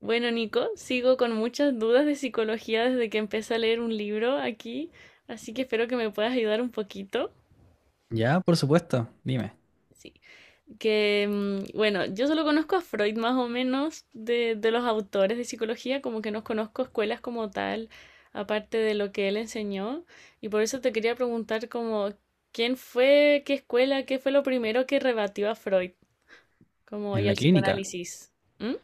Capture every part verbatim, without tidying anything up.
Bueno, Nico, sigo con muchas dudas de psicología desde que empecé a leer un libro aquí, así que espero que me puedas ayudar un poquito. Ya, por supuesto, dime, Sí. Que, mm, bueno, yo solo conozco a Freud más o menos de, de los autores de psicología, como que no conozco escuelas como tal, aparte de lo que él enseñó, y por eso te quería preguntar como, ¿quién fue, qué escuela, qué fue lo primero que rebatió a Freud, como en y la al clínica. psicoanálisis? ¿Mm?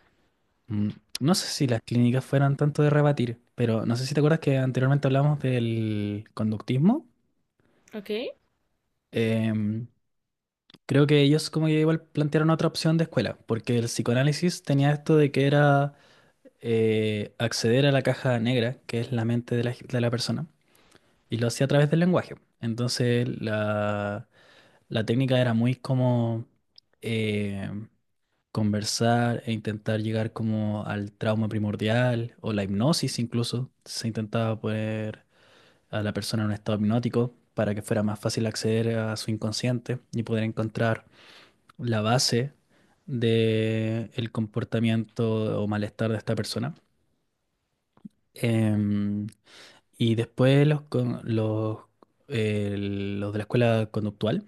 Mm, No sé si las clínicas fueran tanto de rebatir, pero no sé si te acuerdas que anteriormente hablamos del conductismo. ¿Ok? Em, Creo que ellos como que igual plantearon otra opción de escuela, porque el psicoanálisis tenía esto de que era eh, acceder a la caja negra, que es la mente de la, g- de la persona, y lo hacía a través del lenguaje. Entonces la, la técnica era muy como em, conversar e intentar llegar como al trauma primordial o la hipnosis incluso. Se intentaba poner a la persona en un estado hipnótico para que fuera más fácil acceder a su inconsciente y poder encontrar la base del comportamiento o malestar de esta persona. Em, y después los, con- los, eh, los de la escuela conductual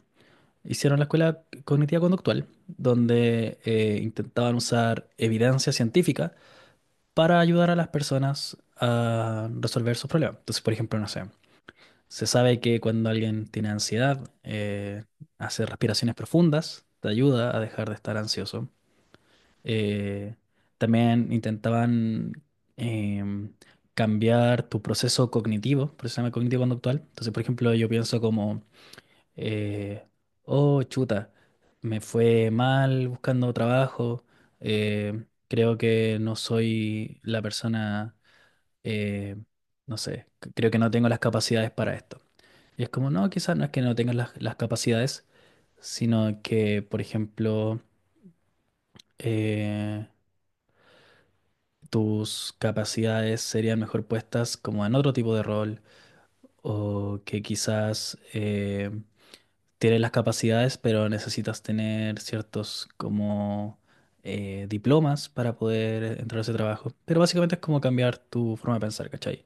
hicieron la escuela cognitiva conductual, donde eh, intentaban usar evidencia científica para ayudar a las personas a resolver sus problemas. Entonces, por ejemplo, no sé, se sabe que cuando alguien tiene ansiedad, eh, hace respiraciones profundas, te ayuda a dejar de estar ansioso. Eh, También intentaban em, cambiar tu proceso cognitivo, por eso se llama cognitivo conductual. Entonces, por ejemplo, yo pienso como, eh, oh, chuta, me fue mal buscando trabajo, eh, creo que no soy la persona, eh, no sé, c- creo que no tengo las capacidades para esto. Y es como, no, quizás no es que no tengas las, las capacidades, sino que, por ejemplo, eh, tus capacidades serían mejor puestas como en otro tipo de rol, o que quizás eh, tienes las capacidades, pero necesitas tener ciertos como eh, diplomas para poder entrar a ese trabajo. Pero básicamente es como cambiar tu forma de pensar, ¿cachai?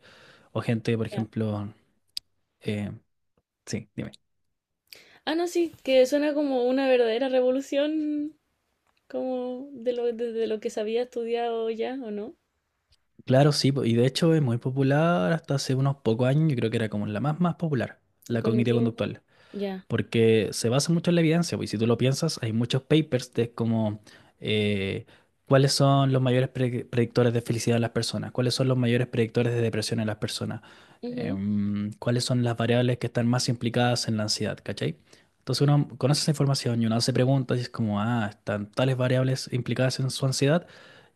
O gente, por Ya. ejemplo, eh, sí, dime. Ah, no, sí, que suena como una verdadera revolución, como de lo, desde lo que se había estudiado ya, ¿o no? Claro, sí, po, y de hecho es muy popular hasta hace unos pocos años, yo creo que era como la más más popular, El la cognitiva cognitivo. Ujú. conductual, Ya. porque se basa mucho en la evidencia, pues, y si tú lo piensas, hay muchos papers de como eh, cuáles son los mayores pre- predictores de felicidad en las personas, cuáles son los mayores predictores de depresión en las personas, Ujú. em, cuáles son las variables que están más implicadas en la ansiedad, ¿cachai? Entonces uno conoce esa información y uno se pregunta y es como, ah, están tales variables implicadas en su ansiedad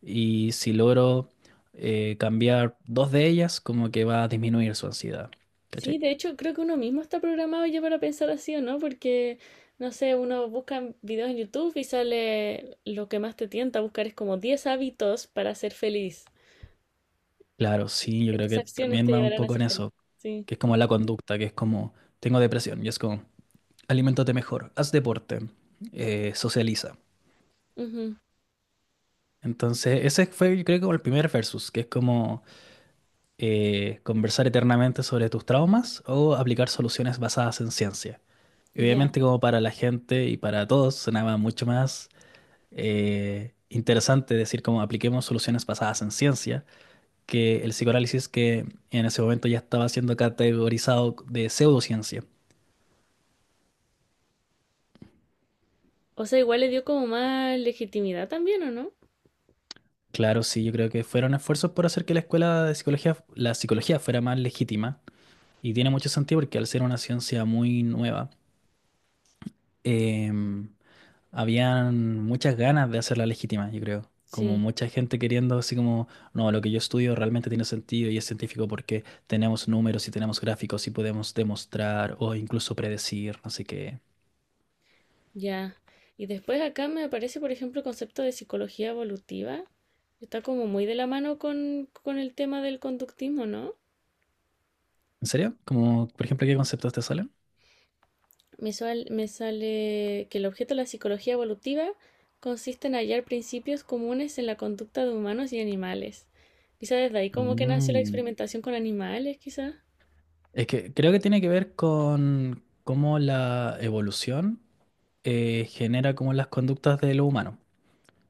y si logro eh, cambiar dos de ellas, como que va a disminuir su ansiedad, Sí, ¿cachai? de hecho, creo que uno mismo está programado ya para pensar así, ¿o no? Porque, no sé, uno busca videos en YouTube y sale lo que más te tienta a buscar es como diez hábitos para ser feliz. Claro, sí, yo creo Estas que acciones también te va un llevarán a poco en ser feliz. eso. Sí. Que es como la conducta, que es como, tengo depresión, y es como, aliméntate mejor, haz deporte, eh, socializa. Ujú. Entonces, ese fue, yo creo, como el primer versus, que es como eh, conversar eternamente sobre tus traumas o aplicar soluciones basadas en ciencia. Y Ya. obviamente, como para la gente y para todos, sonaba mucho más eh, interesante decir como apliquemos soluciones basadas en ciencia que el psicoanálisis que en ese momento ya estaba siendo categorizado de pseudociencia. O sea, igual le dio como más legitimidad también, ¿o no? Claro, sí, yo creo que fueron esfuerzos por hacer que la escuela de psicología, la psicología fuera más legítima, y tiene mucho sentido porque al ser una ciencia muy nueva, em, habían muchas ganas de hacerla legítima, yo creo. Como Sí. mucha gente queriendo así como, no, lo que yo estudio realmente tiene sentido y es científico porque tenemos números y tenemos gráficos y podemos demostrar o incluso predecir, no sé qué. Ya. Y después acá me aparece, por ejemplo, el concepto de psicología evolutiva. Está como muy de la mano con, con el tema del conductismo, ¿no? ¿En serio? Como, por ejemplo, ¿qué conceptos te salen? Me, sal- me sale que el objeto de la psicología evolutiva consiste en hallar principios comunes en la conducta de humanos y animales. Quizá desde ahí como que nació la Mm. experimentación con animales, quizá. Es que creo que tiene que ver con cómo la evolución eh, genera como las conductas de lo humano.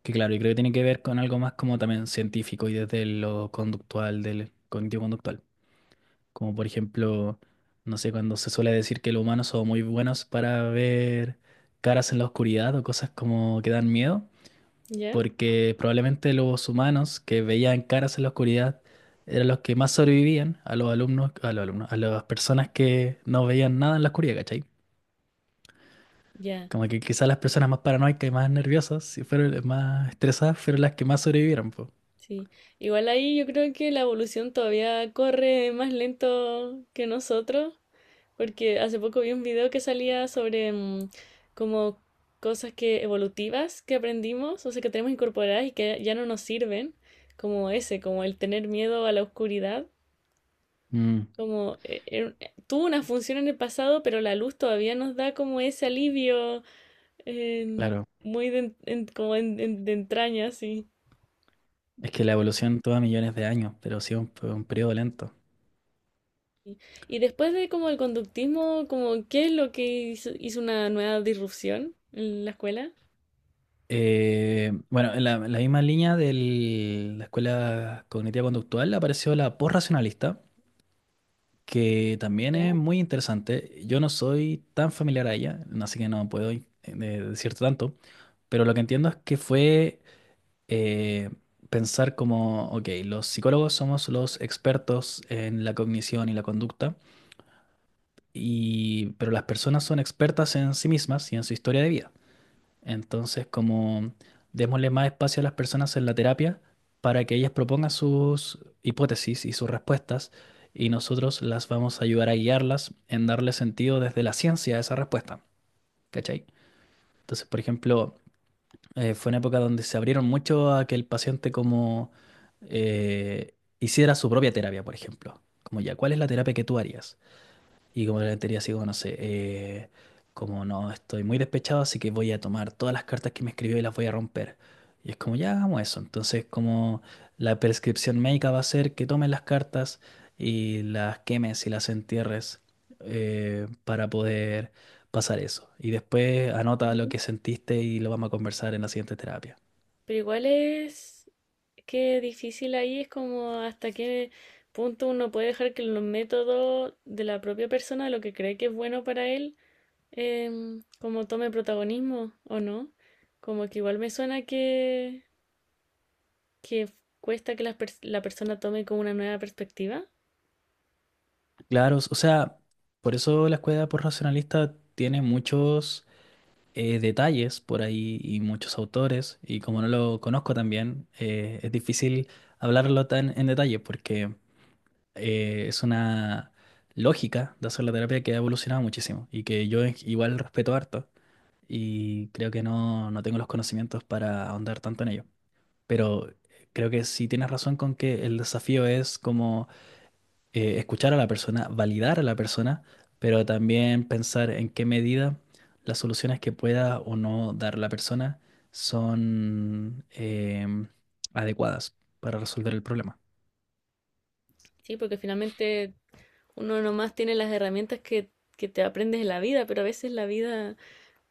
Que claro, y creo que tiene que ver con algo más como también científico y desde lo conductual, del cognitivo-conductual. Como por ejemplo, no sé, cuando se suele decir que los humanos son muy buenos para ver caras en la oscuridad o cosas como que dan miedo, ¿Ya? porque probablemente los humanos que veían caras en la oscuridad eran los que más sobrevivían a los alumnos, a los alumnos, a las personas que no veían nada en la oscuridad, ¿cachai? Ya, Como que quizás las personas más paranoicas y más nerviosas, si fueron más estresadas, fueron las que más sobrevivieron, po. sí. Igual ahí yo creo que la evolución todavía corre más lento que nosotros. Porque hace poco vi un video que salía sobre mm, como cosas que evolutivas que aprendimos, o sea, que tenemos incorporadas y que ya no nos sirven, como ese, como el tener miedo a la oscuridad, Mm, como eh, era- eh, tuvo una función en el pasado, pero la luz todavía nos da como ese alivio en- claro. muy de, en- en- como en- en- de entraña, sí. Es que la evolución toma millones de años, pero sí un, un periodo lento. Y después de como el conductismo, como, ¿qué es lo que hizo, hizo una nueva disrupción en la escuela? Eh, bueno, en la, en la misma línea de la escuela cognitiva conductual apareció la posracionalista, que también es muy interesante. Yo no soy tan familiar a ella, así que no puedo eh, decirte tanto, pero lo que entiendo es que fue eh, pensar como, ok, los psicólogos somos los expertos en la cognición y la conducta, y, pero las personas son expertas en sí mismas y en su historia de vida. Entonces, como démosle más espacio a las personas en la terapia para que ellas propongan sus hipótesis y sus respuestas y nosotros las vamos a ayudar a guiarlas en darle sentido desde la ciencia a esa respuesta, ¿cachai? Entonces, por ejemplo, eh, fue una época donde se abrieron mucho a que el paciente como eh, hiciera su propia terapia, por ejemplo. Como ya, ¿cuál es la terapia que tú harías? Y como le diría así como, no sé, eh, como no, estoy muy despechado, así que voy a tomar todas las cartas que me escribió y las voy a romper. Y es como, ya hagamos eso. Entonces, como la prescripción médica va a ser que tomes las cartas y las quemes y las entierres, eh, para poder pasar eso. Y después anota lo Ya. que sentiste y lo vamos a conversar en la siguiente terapia. Pero igual es que difícil ahí, es como hasta qué punto uno puede dejar que los métodos de la propia persona, lo que cree que es bueno para él, em, como tome protagonismo o no. Como que igual me suena que, que cuesta que las pers- la persona tome como una nueva perspectiva. Claro, o sea, por eso la escuela por racionalista tiene muchos eh, detalles por ahí y muchos autores, y como no lo conozco también, eh, es difícil hablarlo tan en detalle porque eh, es una lógica de hacer la terapia que ha evolucionado muchísimo y que yo en- igual respeto harto y creo que no, no tengo los conocimientos para ahondar tanto en ello. Pero eh, creo que sí tienes razón con que el desafío es como eh, escuchar a la persona, validar a la persona, pero también pensar en qué medida las soluciones que pueda o no dar la persona son em, adecuadas para resolver el problema. Sí, porque finalmente uno nomás tiene las herramientas que, que te aprendes en la vida, pero a veces la vida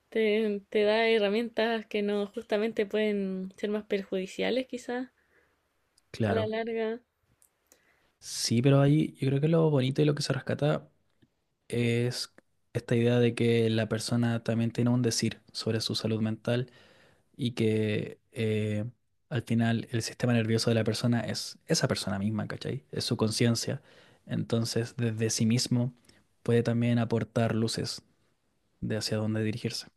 te, te da herramientas que no justamente pueden ser más perjudiciales quizás. A la Claro. larga, Sí, pero ahí yo creo que lo bonito y lo que se rescata es esta idea de que la persona también tiene un decir sobre su salud mental y que eh, al final el sistema nervioso de la persona es esa persona misma, ¿cachai? Es su conciencia. Entonces, desde sí mismo puede también aportar luces de hacia dónde dirigirse.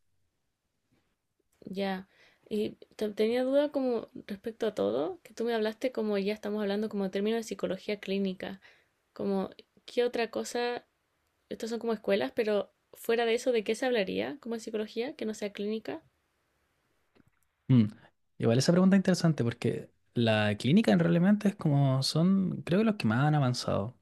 ya. Y te- tenía duda como respecto a todo, que tú me hablaste como ya estamos hablando como en términos de psicología clínica, como qué otra cosa, estas son como escuelas, pero fuera de eso, ¿de qué se hablaría como en psicología que no sea clínica? Mm. Igual esa pregunta es interesante porque la clínica en realmente es como son, creo que los que más han avanzado.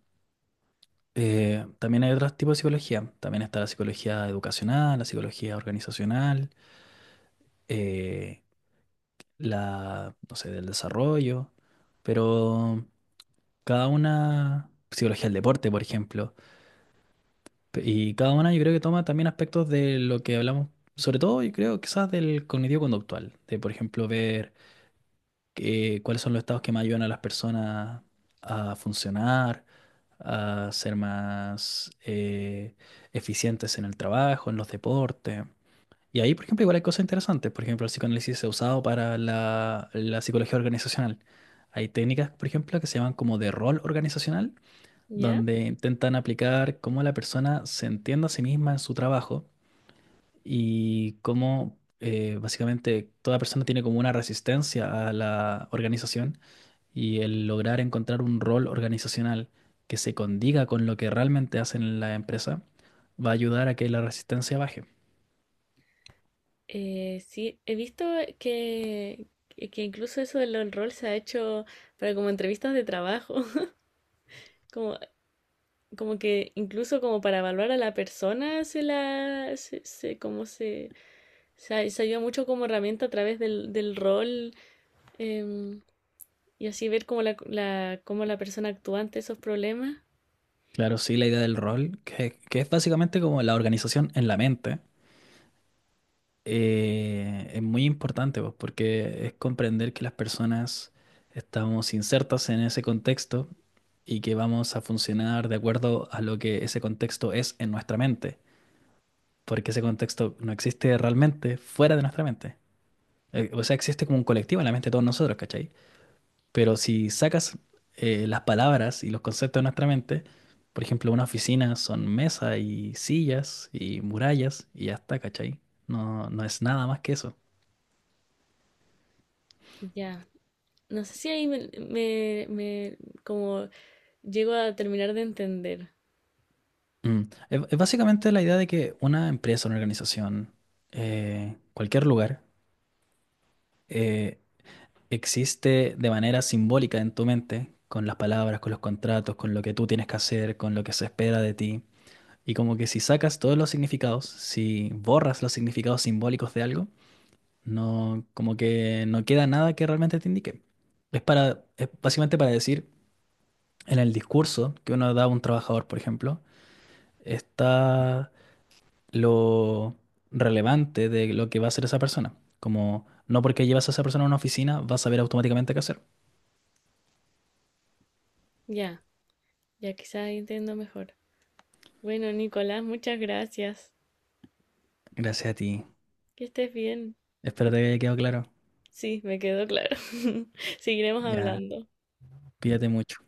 Eh, también hay otros tipos de psicología. También está la psicología educacional, la psicología organizacional, eh, la, no sé, del desarrollo. Pero cada una, psicología del deporte, por ejemplo. Pe- Y cada una yo creo que toma también aspectos de lo que hablamos, sobre todo yo creo quizás del cognitivo conductual, de por ejemplo ver que- cuáles son los estados que más ayudan a las personas a funcionar, a ser más eh, eficientes en el trabajo, en los deportes. Y ahí, por ejemplo, igual hay cosas interesantes. Por ejemplo, el psicoanálisis se ha usado para la la psicología organizacional. Hay técnicas, por ejemplo, que se llaman como de rol organizacional, ¿Ya? donde intentan aplicar cómo la persona se entiende a sí misma en su trabajo y cómo eh, básicamente toda persona tiene como una resistencia a la organización y el lograr encontrar un rol organizacional que se condiga con lo que realmente hacen en la empresa va a ayudar a que la resistencia baje. Eh, sí, he visto que, que que incluso eso del del rol se ha hecho para como entrevistas de trabajo, como, como que incluso como para evaluar a la persona se la, se, se- como se... Se, se ayuda mucho como herramienta a través del, del rol em, y así ver cómo la, la- cómo la persona actúa ante esos problemas. Claro, sí, la idea del rol, que, que es básicamente como la organización en la mente, eh, es muy importante, pues, porque es comprender que las personas estamos insertas en ese contexto y que vamos a funcionar de acuerdo a lo que ese contexto es en nuestra mente, porque ese contexto no existe realmente fuera de nuestra mente. Eh, O sea, existe como un colectivo en la mente de todos nosotros, ¿cachai? Pero si sacas eh, las palabras y los conceptos de nuestra mente, por ejemplo, una oficina son mesa y sillas y murallas y ya está, ¿cachai? No, no es nada más que eso. Ya, yeah. No sé si ahí me, me- me- como llego a terminar de entender. Mm. Es, es básicamente la idea de que una empresa, una organización, eh, cualquier lugar, eh, existe de manera simbólica en tu mente, con las palabras, con los contratos, con lo que tú tienes que hacer, con lo que se espera de ti. Y como que si sacas todos los significados, si borras los significados simbólicos de algo, no, como que no queda nada que realmente te indique. Es para, es básicamente para decir, en el discurso que uno da a un trabajador, por ejemplo, está lo relevante de lo que va a hacer esa persona. Como no porque llevas a esa persona a una oficina, vas a saber automáticamente qué hacer. Ya, yeah. Ya quizás ahí entiendo mejor. Bueno, Nicolás, muchas gracias. Gracias a ti. Que estés bien. Espero te haya quedado claro. Sí, me quedó claro. Seguiremos Ya, hablando. cuídate mucho.